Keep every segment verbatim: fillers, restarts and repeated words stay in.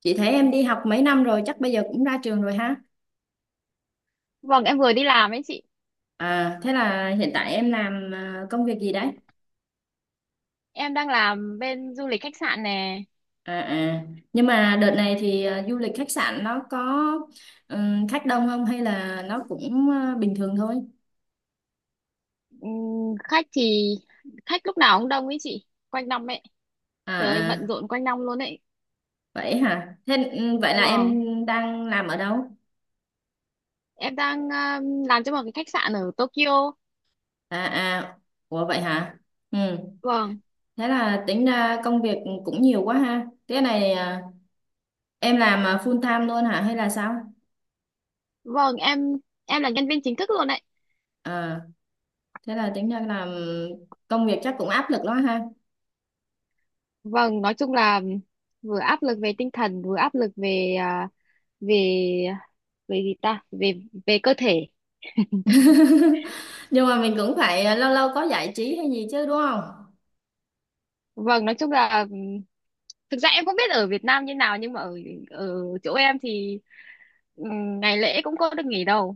Chị thấy em đi học mấy năm rồi, chắc bây giờ cũng ra trường rồi ha. Vâng, em vừa đi làm ấy chị. À, thế là hiện tại em làm à, công việc gì đấy? Em đang làm bên du lịch khách sạn nè. À, à. Nhưng mà đợt này thì à, du lịch khách sạn nó có ừm, khách đông không hay là nó cũng à, bình thường thôi? Ừm, khách thì khách lúc nào cũng đông ấy chị, quanh năm ấy. À, Trời ơi, bận à. rộn quanh năm luôn ấy. Vậy hả? Thế ừm, vậy là em Vâng, đang làm ở đâu? em đang um, làm cho một cái khách sạn ở Tokyo. À, à. Ủa vậy hả? Ừ. Vâng, Thế là tính ra công việc cũng nhiều quá ha. Thế này à, em làm à, full time luôn hả hay là sao? vâng, em em là nhân viên chính thức luôn ấy. À. thế là tính ra là công việc chắc cũng áp lực lắm ha. Vâng, nói chung là vừa áp lực về tinh thần, vừa áp lực về à, về về gì ta, về về cơ thể. nhưng mà mình cũng phải ờ, lâu lâu có giải trí hay gì chứ đúng không? Vâng, nói chung là ừm, thực ra em không biết ở Việt Nam như nào nhưng mà ở ở chỗ em thì, Ừ, ngày lễ cũng có được nghỉ đâu,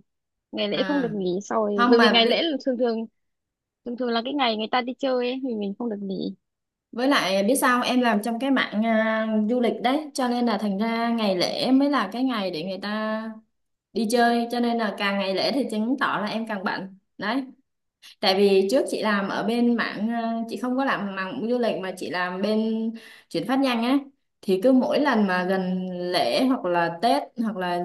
ngày lễ không được À nghỉ. Sau rồi không bởi vì mà ngày biết. lễ là thường thường thường thường là cái ngày người ta đi chơi ấy thì mình không được nghỉ. Với lại biết sao không? Em làm trong cái mạng à, du lịch đấy, cho nên là thành ra ngày lễ mới là cái ngày để người ta đi chơi, cho nên là càng ngày lễ thì chứng tỏ là em càng bận đấy. Tại vì trước chị làm ở bên mảng ờ, chị không có làm mảng du lịch mà chị làm bên chuyển phát nhanh á, thì cứ mỗi lần mà gần lễ hoặc là Tết hoặc là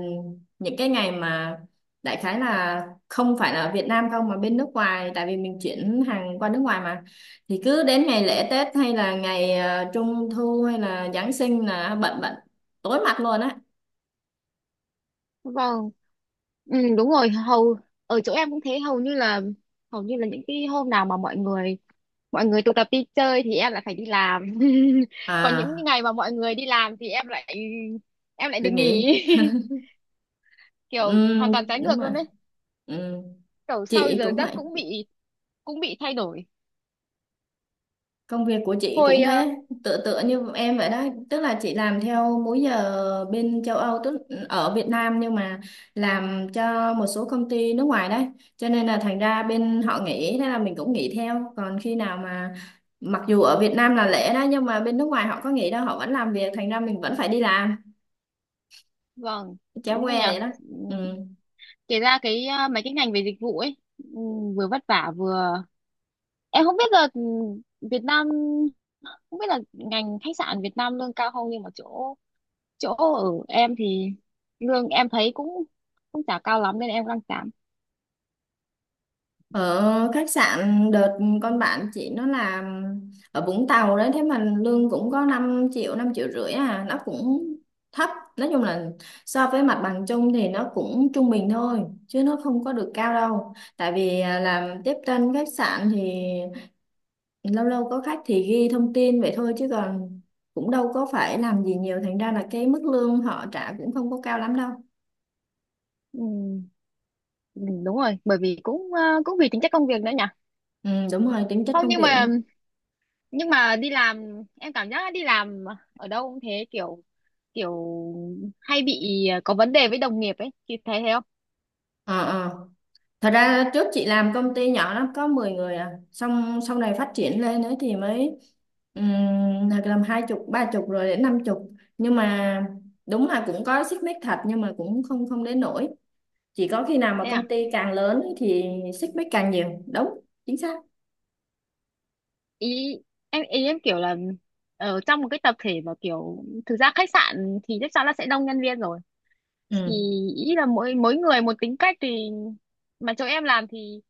những cái ngày mà đại khái là không phải là ở Việt Nam không mà bên nước ngoài, tại vì mình chuyển hàng qua nước ngoài mà thì cứ đến ngày lễ Tết hay là ngày ờ, Trung thu hay là Giáng sinh là bận bận tối mặt luôn á. Vâng, ừ, đúng rồi. Hầu ở chỗ em cũng thế, hầu như là hầu như là những cái hôm nào mà mọi người mọi người tụ tập đi chơi thì em lại phải đi làm. Còn những À, ngày mà mọi người đi làm thì em lại em lại được được nghỉ. nhỉ. Kiểu hoàn Ừm, toàn trái đúng ngược rồi. luôn đấy. Ừm, Kiểu sau chị giờ cũng giấc vậy. cũng bị cũng bị thay đổi. Công việc của chị hồi cũng ờ, thế, tựa tựa như em vậy đó, tức là chị làm theo múi giờ bên châu Âu, tức ở Việt Nam nhưng mà làm cho một số công ty nước ngoài đấy, cho nên là thành ra bên họ nghỉ, thế là mình cũng nghỉ theo. Còn khi nào mà mặc dù ở Việt Nam là lễ đó nhưng mà bên nước ngoài họ có nghỉ đâu, họ vẫn làm việc, thành ra mình vẫn phải đi làm, vâng chéo đúng que rồi nhỉ. vậy đó. Ừ. Ừ. Kể ra cái à, mấy cái ngành về dịch vụ ấy, ừ, vừa vất vả vừa em không biết là, ừ, Việt Nam, không biết là ngành khách sạn Việt Nam lương cao không, nhưng mà chỗ chỗ ở em thì lương em thấy cũng cũng chả cao lắm nên em đang giảm. Ở khách sạn đợt con bạn chị nó làm ở Vũng Tàu đấy, thế mà lương cũng có năm triệu năm triệu rưỡi à, nó cũng thấp. Nói chung là so với mặt bằng chung thì nó cũng trung bình thôi chứ nó không có được cao đâu, tại vì à, làm tiếp tân khách sạn thì lâu lâu có khách thì ghi thông tin vậy thôi, chứ còn cũng đâu có phải làm gì nhiều, thành ra là cái mức lương họ trả cũng không có cao lắm đâu. Ừ, ừ, đúng rồi, bởi vì cũng à, cũng vì tính chất công việc nữa nhỉ. Ừ, đúng rồi, tính chất Không, công nhưng việc mà nữa. nhưng mà đi làm em cảm giác đi làm ở đâu cũng thế, kiểu kiểu hay bị à, có vấn đề với đồng nghiệp ấy thì thấy thế không? Ờ, ờ. Thật ra trước chị làm công ty nhỏ lắm, có mười người à, xong sau này phát triển lên ấy thì mới ừm, hoặc làm hai chục ba chục rồi đến năm chục, nhưng mà đúng là cũng có xích mích thật nhưng mà cũng không không đến nỗi, chỉ có khi nào mà Thế à? công ty càng lớn ấy thì xích mích càng nhiều, đúng, chính xác. Ý em ý em kiểu là ở trong một cái tập thể mà kiểu thực ra khách sạn thì chắc chắn là sẽ đông nhân viên rồi, thì Ừ, ý là mỗi mỗi người một tính cách. Thì mà chỗ em làm thì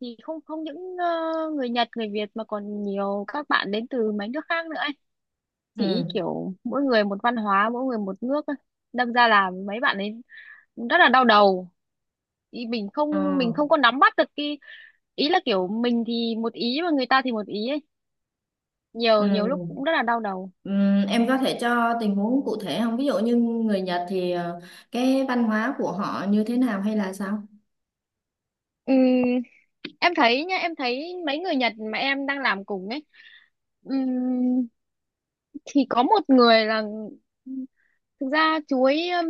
thì không không những ờ, người Nhật, người Việt, mà còn nhiều các bạn đến từ mấy nước khác nữa ấy. Thì ý ừ, kiểu mỗi người một văn hóa, mỗi người một nước ấy. Đâm ra là mấy bạn ấy rất là đau đầu. Ý mình ờ, không mình không có nắm bắt được cái. Ý là kiểu mình thì một ý mà người ta thì một ý ấy. Nhiều nhiều lúc cũng ừ, rất là đau đầu. ừ. Em có thể cho tình huống cụ thể không, ví dụ như người Nhật thì ờ, cái văn hóa của họ như thế nào hay là sao? Ừm, em thấy nha, em thấy mấy người Nhật mà em đang làm cùng ấy, ừm, thì có một người là, thực ra chú ấy ừm,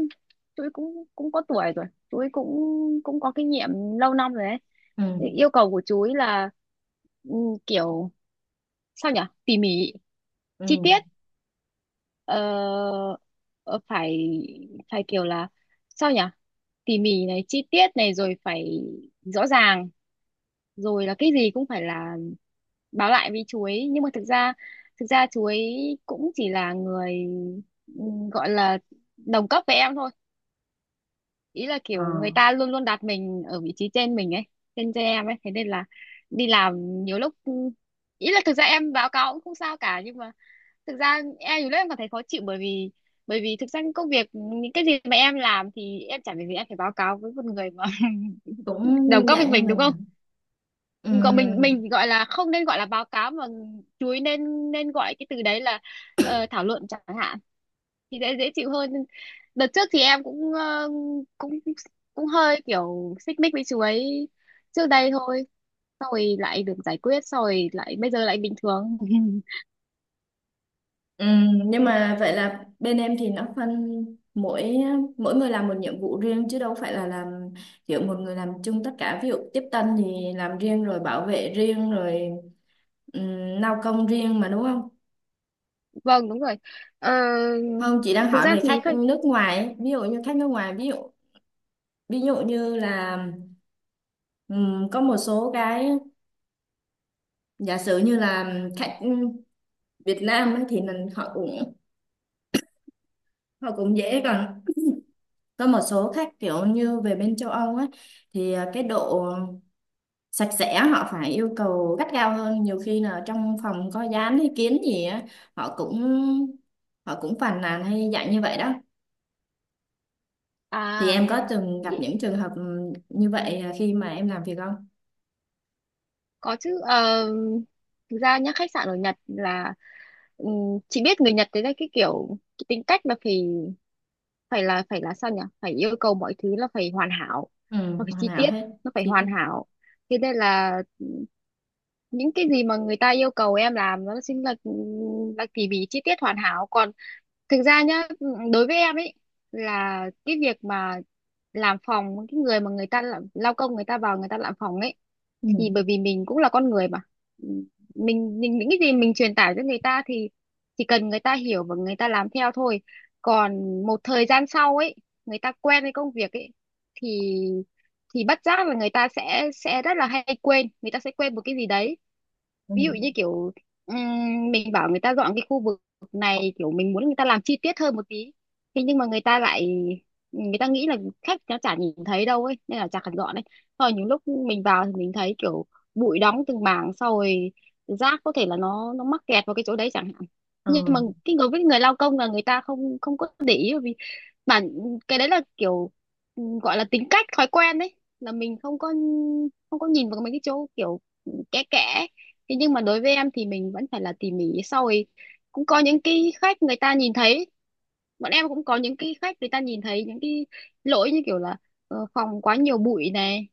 chú ấy cũng cũng có tuổi rồi, chú ấy cũng cũng có kinh nghiệm lâu năm rồi ấy. Ừ, Thì yêu cầu của chú ấy là ừm, kiểu sao nhỉ, tỉ mỉ, ừ. chi tiết, ờ, ờ, phải phải kiểu là sao nhỉ, tỉ mỉ này, chi tiết này, rồi phải rõ ràng, rồi là cái gì cũng phải là báo lại với chú ấy. Nhưng mà thực ra thực ra chú ấy cũng chỉ là người ừm, gọi là đồng cấp với em thôi. Ý là kiểu Ờ. người ta luôn luôn đặt mình ở vị trí trên mình ấy, trên trên em ấy. Thế nên là đi làm nhiều lúc ừ, ý là thực ra em báo cáo cũng không sao cả, nhưng mà thực ra em nhiều lúc em cảm thấy khó chịu bởi vì, bởi vì thực ra những công việc, những cái gì mà em làm thì em chẳng việc gì em phải báo cáo với một người mà Cũng đồng cấp với dạng như mình đúng mình không? à. Gọi mình, Ừm, mình gọi là không nên gọi là báo cáo mà chuối, nên nên gọi cái từ đấy là ờ, thảo luận chẳng hạn, thì dễ dễ chịu hơn. Đợt trước thì em cũng ờ, cũng cũng hơi kiểu xích mích với chuối trước đây thôi. Xong rồi lại được giải quyết, xong rồi lại bây giờ lại bình thường. ừm, nhưng mà vậy là bên em thì nó phân mỗi mỗi người làm một nhiệm vụ riêng, chứ đâu phải là làm kiểu một người làm chung tất cả, ví dụ tiếp tân thì làm riêng rồi bảo vệ riêng rồi um, lao công riêng mà đúng không? Vâng, đúng rồi. Ờ, Không, chị đang Thực hỏi ra về thì khách khách nước ngoài ấy. Ví dụ như khách nước ngoài, ví dụ ví dụ như là Ừm, có một số cái, giả sử như là khách Việt Nam ấy, thì mình họ cũng họ cũng dễ còn. Có một số khách kiểu như về bên châu Âu ấy thì à, cái độ sạch sẽ họ phải yêu cầu gắt gao hơn, nhiều khi là trong phòng có dán hay kiến gì á, họ cũng họ cũng phàn nàn hay dạng như vậy đó. Thì à em có từng gặp ý- những trường hợp ừm, như vậy, à, khi mà em làm việc không? có chứ. Ờ, Thực ra nhá, khách sạn ở Nhật là, Ừ, chị biết người Nhật đấy là cái kiểu, cái tính cách là phải, phải là phải là sao nhỉ, phải yêu cầu mọi thứ là phải hoàn hảo, Ừ, nó phải hoàn chi hảo tiết, hết nó phải chi hoàn tiết. hảo. Thế nên là những cái gì mà người ta yêu cầu em làm nó chính là là tỉ mỉ, chi tiết, hoàn hảo. Còn, thực ra nhá, đối với em ấy là cái việc mà làm phòng, cái người mà người ta làm, lao công người ta vào người ta làm phòng ấy, Ừ, thì bởi vì mình cũng là con người mà. Ừ, mình, mình những cái gì mình truyền tải cho người ta thì chỉ cần người ta hiểu và người ta làm theo thôi. Còn một thời gian sau ấy người ta quen với công việc ấy thì, thì bất giác là người ta sẽ sẽ rất là hay quên, người ta sẽ quên một cái gì đấy. ừ, Ví dụ như kiểu ừm, mình bảo người ta dọn cái khu vực này, kiểu mình muốn người ta làm chi tiết hơn một tí, thế nhưng mà người ta lại người ta nghĩ là khách nó chả nhìn thấy đâu ấy nên là chả cần dọn đấy. Rồi những lúc mình vào thì mình thấy kiểu bụi đóng từng mảng, sau rồi rác có thể là nó nó mắc kẹt vào cái chỗ đấy chẳng hạn. ờ, Nhưng mà cái người, với người lao công, là người ta không không có để ý, bởi vì bản cái đấy là kiểu, ừ, gọi là tính cách thói quen đấy, là mình không có không có nhìn vào mấy cái chỗ kiểu kẽ kẽ Thế nhưng mà đối với em thì mình vẫn phải là tỉ mỉ. Sau rồi cũng có những cái khách người ta nhìn thấy, bọn em cũng có những cái khách người ta nhìn thấy những cái lỗi như kiểu là ờ, phòng quá nhiều bụi này,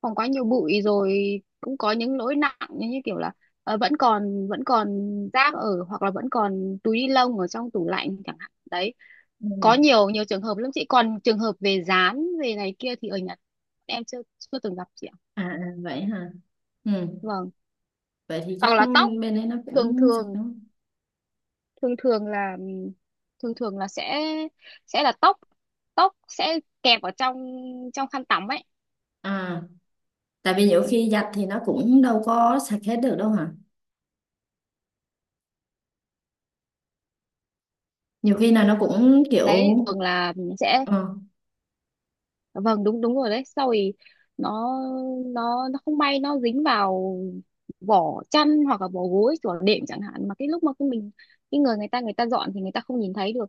phòng quá nhiều bụi. Rồi cũng có những lỗi nặng như như kiểu là ờ, vẫn còn vẫn còn rác, ở hoặc là vẫn còn túi ni lông ở trong tủ lạnh chẳng hạn đấy. Có ừ. nhiều nhiều trường hợp lắm chị. Còn trường hợp về dán, về này kia thì ở Nhật em chưa chưa từng gặp chị ạ. À, à, vậy hả? Ừ, Vâng, vậy thì hoặc chắc là tóc. bên đấy nó thường cũng sạch đúng thường không? thường thường là thường thường là sẽ sẽ là tóc tóc sẽ kẹp ở trong trong khăn tắm ấy. À, tại vì nhiều khi giặt thì nó cũng đâu có sạch hết được đâu hả? Nhiều khi là nó cũng kiểu Đấy thường là sẽ. ờ, Vâng, đúng đúng rồi đấy. Sau rồi nó nó nó không may nó dính vào vỏ chăn hoặc là vỏ gối của đệm chẳng hạn. Mà cái lúc mà cái mình cái người người ta người ta dọn thì người ta không nhìn thấy được,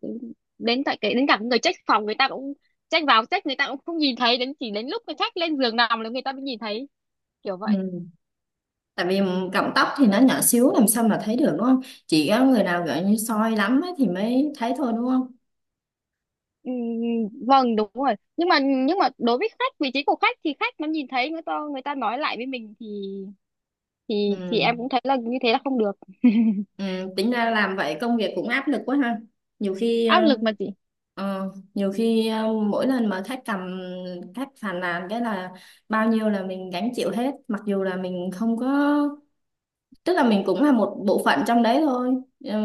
đến tại cái, đến cả người check phòng người ta cũng check vào check người ta cũng không nhìn thấy, đến chỉ đến lúc người khách lên giường nằm là người ta mới nhìn thấy, kiểu vậy. ừ. Tại vì cọng tóc thì nó nhỏ xíu làm sao mà thấy được đúng không? Chỉ có người nào gọi như soi lắm ấy thì mới thấy thôi đúng không? Ừ, vâng, đúng rồi. Nhưng mà nhưng mà đối với khách, vị trí của khách thì khách nó nhìn thấy, người ta người ta nói lại với mình thì, thì thì em Ừ. cũng thấy là như thế là không được. Ừ. Tính ra làm vậy công việc cũng áp lực quá ha. nhiều khi ờ, Áp lực mà chị. ờ, nhiều khi ờ, mỗi lần mà khách cầm khách phàn nàn, cái là bao nhiêu là mình gánh chịu hết, mặc dù là mình không có, tức là mình cũng là một bộ phận trong đấy thôi. Ờ,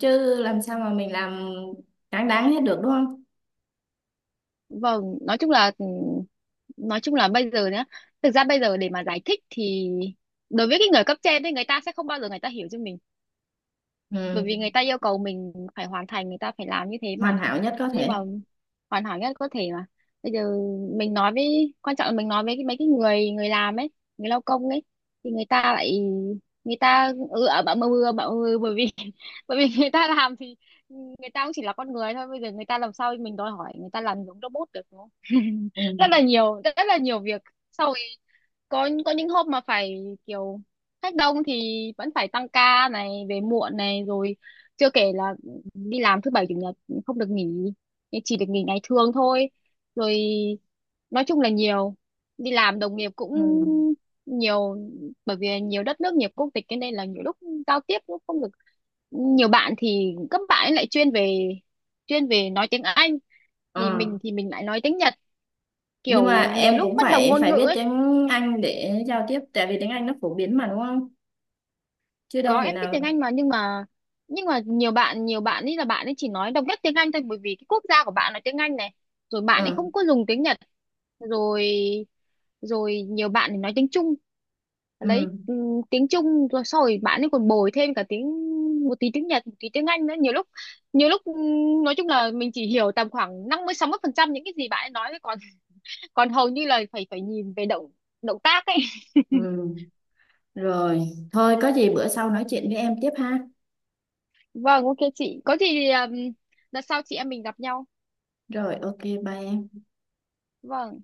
chứ làm sao mà mình làm đáng đáng hết được đúng không? Vâng, nói chung là nói chung là bây giờ nhá, thực ra bây giờ để mà giải thích thì đối với cái người cấp trên thì người ta sẽ không bao giờ người ta hiểu cho mình. Bởi vì Ừ. người ta yêu cầu mình phải hoàn thành, người ta phải làm như thế mà, Hoàn hảo nhất có nhưng mà thể. hoàn hảo nhất có thể mà. Bây giờ mình nói với, quan trọng là mình nói với cái- mấy cái người người làm ấy, người lao công ấy, thì người ta lại người ta ừ ở bảo mơ mưa, bảo mưa, bởi vì bởi vì người ta làm thì người ta cũng chỉ là con người thôi. Bây giờ người ta làm sao mình đòi hỏi người ta làm giống robot được, đúng không? Ừ. Rất là nhiều, rất là nhiều việc. Sau có có những hôm mà phải kiểu khách đông thì vẫn phải tăng ca này, về muộn này, rồi chưa kể là đi làm thứ bảy chủ nhật không được nghỉ, chỉ được nghỉ ngày thường thôi. Rồi nói chung là nhiều. Đi làm đồng nghiệp cũng Ừ. nhiều, bởi vì nhiều đất nước, nhiều quốc tịch, nên đây là nhiều lúc giao tiếp cũng không được. Nhiều bạn thì các bạn ấy lại chuyên về chuyên về nói tiếng Anh, thì Ờ. mình thì mình lại nói tiếng Nhật, Nhưng mà kiểu nhiều em lúc cũng bất đồng phải ngôn phải ngữ biết ấy. tiếng Anh để giao tiếp, tại vì tiếng Anh nó phổ biến mà đúng không, chứ đâu Có, thể em biết tiếng nào. Anh mà, nhưng mà nhưng mà nhiều bạn nhiều bạn ấy là bạn ấy chỉ nói độc nhất tiếng Anh thôi, bởi vì cái quốc gia của bạn là tiếng Anh này, rồi bạn ấy Ừ. không có dùng tiếng Nhật. Rồi rồi nhiều bạn thì nói tiếng Trung, lấy Ừ. ừm, tiếng Trung, rồi sau rồi bạn ấy còn bồi thêm cả tiếng, một tí tiếng Nhật, một tí tiếng Anh nữa. Nhiều lúc nhiều lúc ừm, nói chung là mình chỉ hiểu tầm khoảng năm mươi sáu mươi phần trăm những cái gì bạn ấy nói thôi, còn còn hầu như là phải phải nhìn về động động tác ấy. Ừ. Rồi thôi, có gì bữa sau nói chuyện với em tiếp ha. Vâng, ok chị. Có gì thì um, đợt sau chị em mình gặp nhau. Rồi, ok, bye em. Vâng.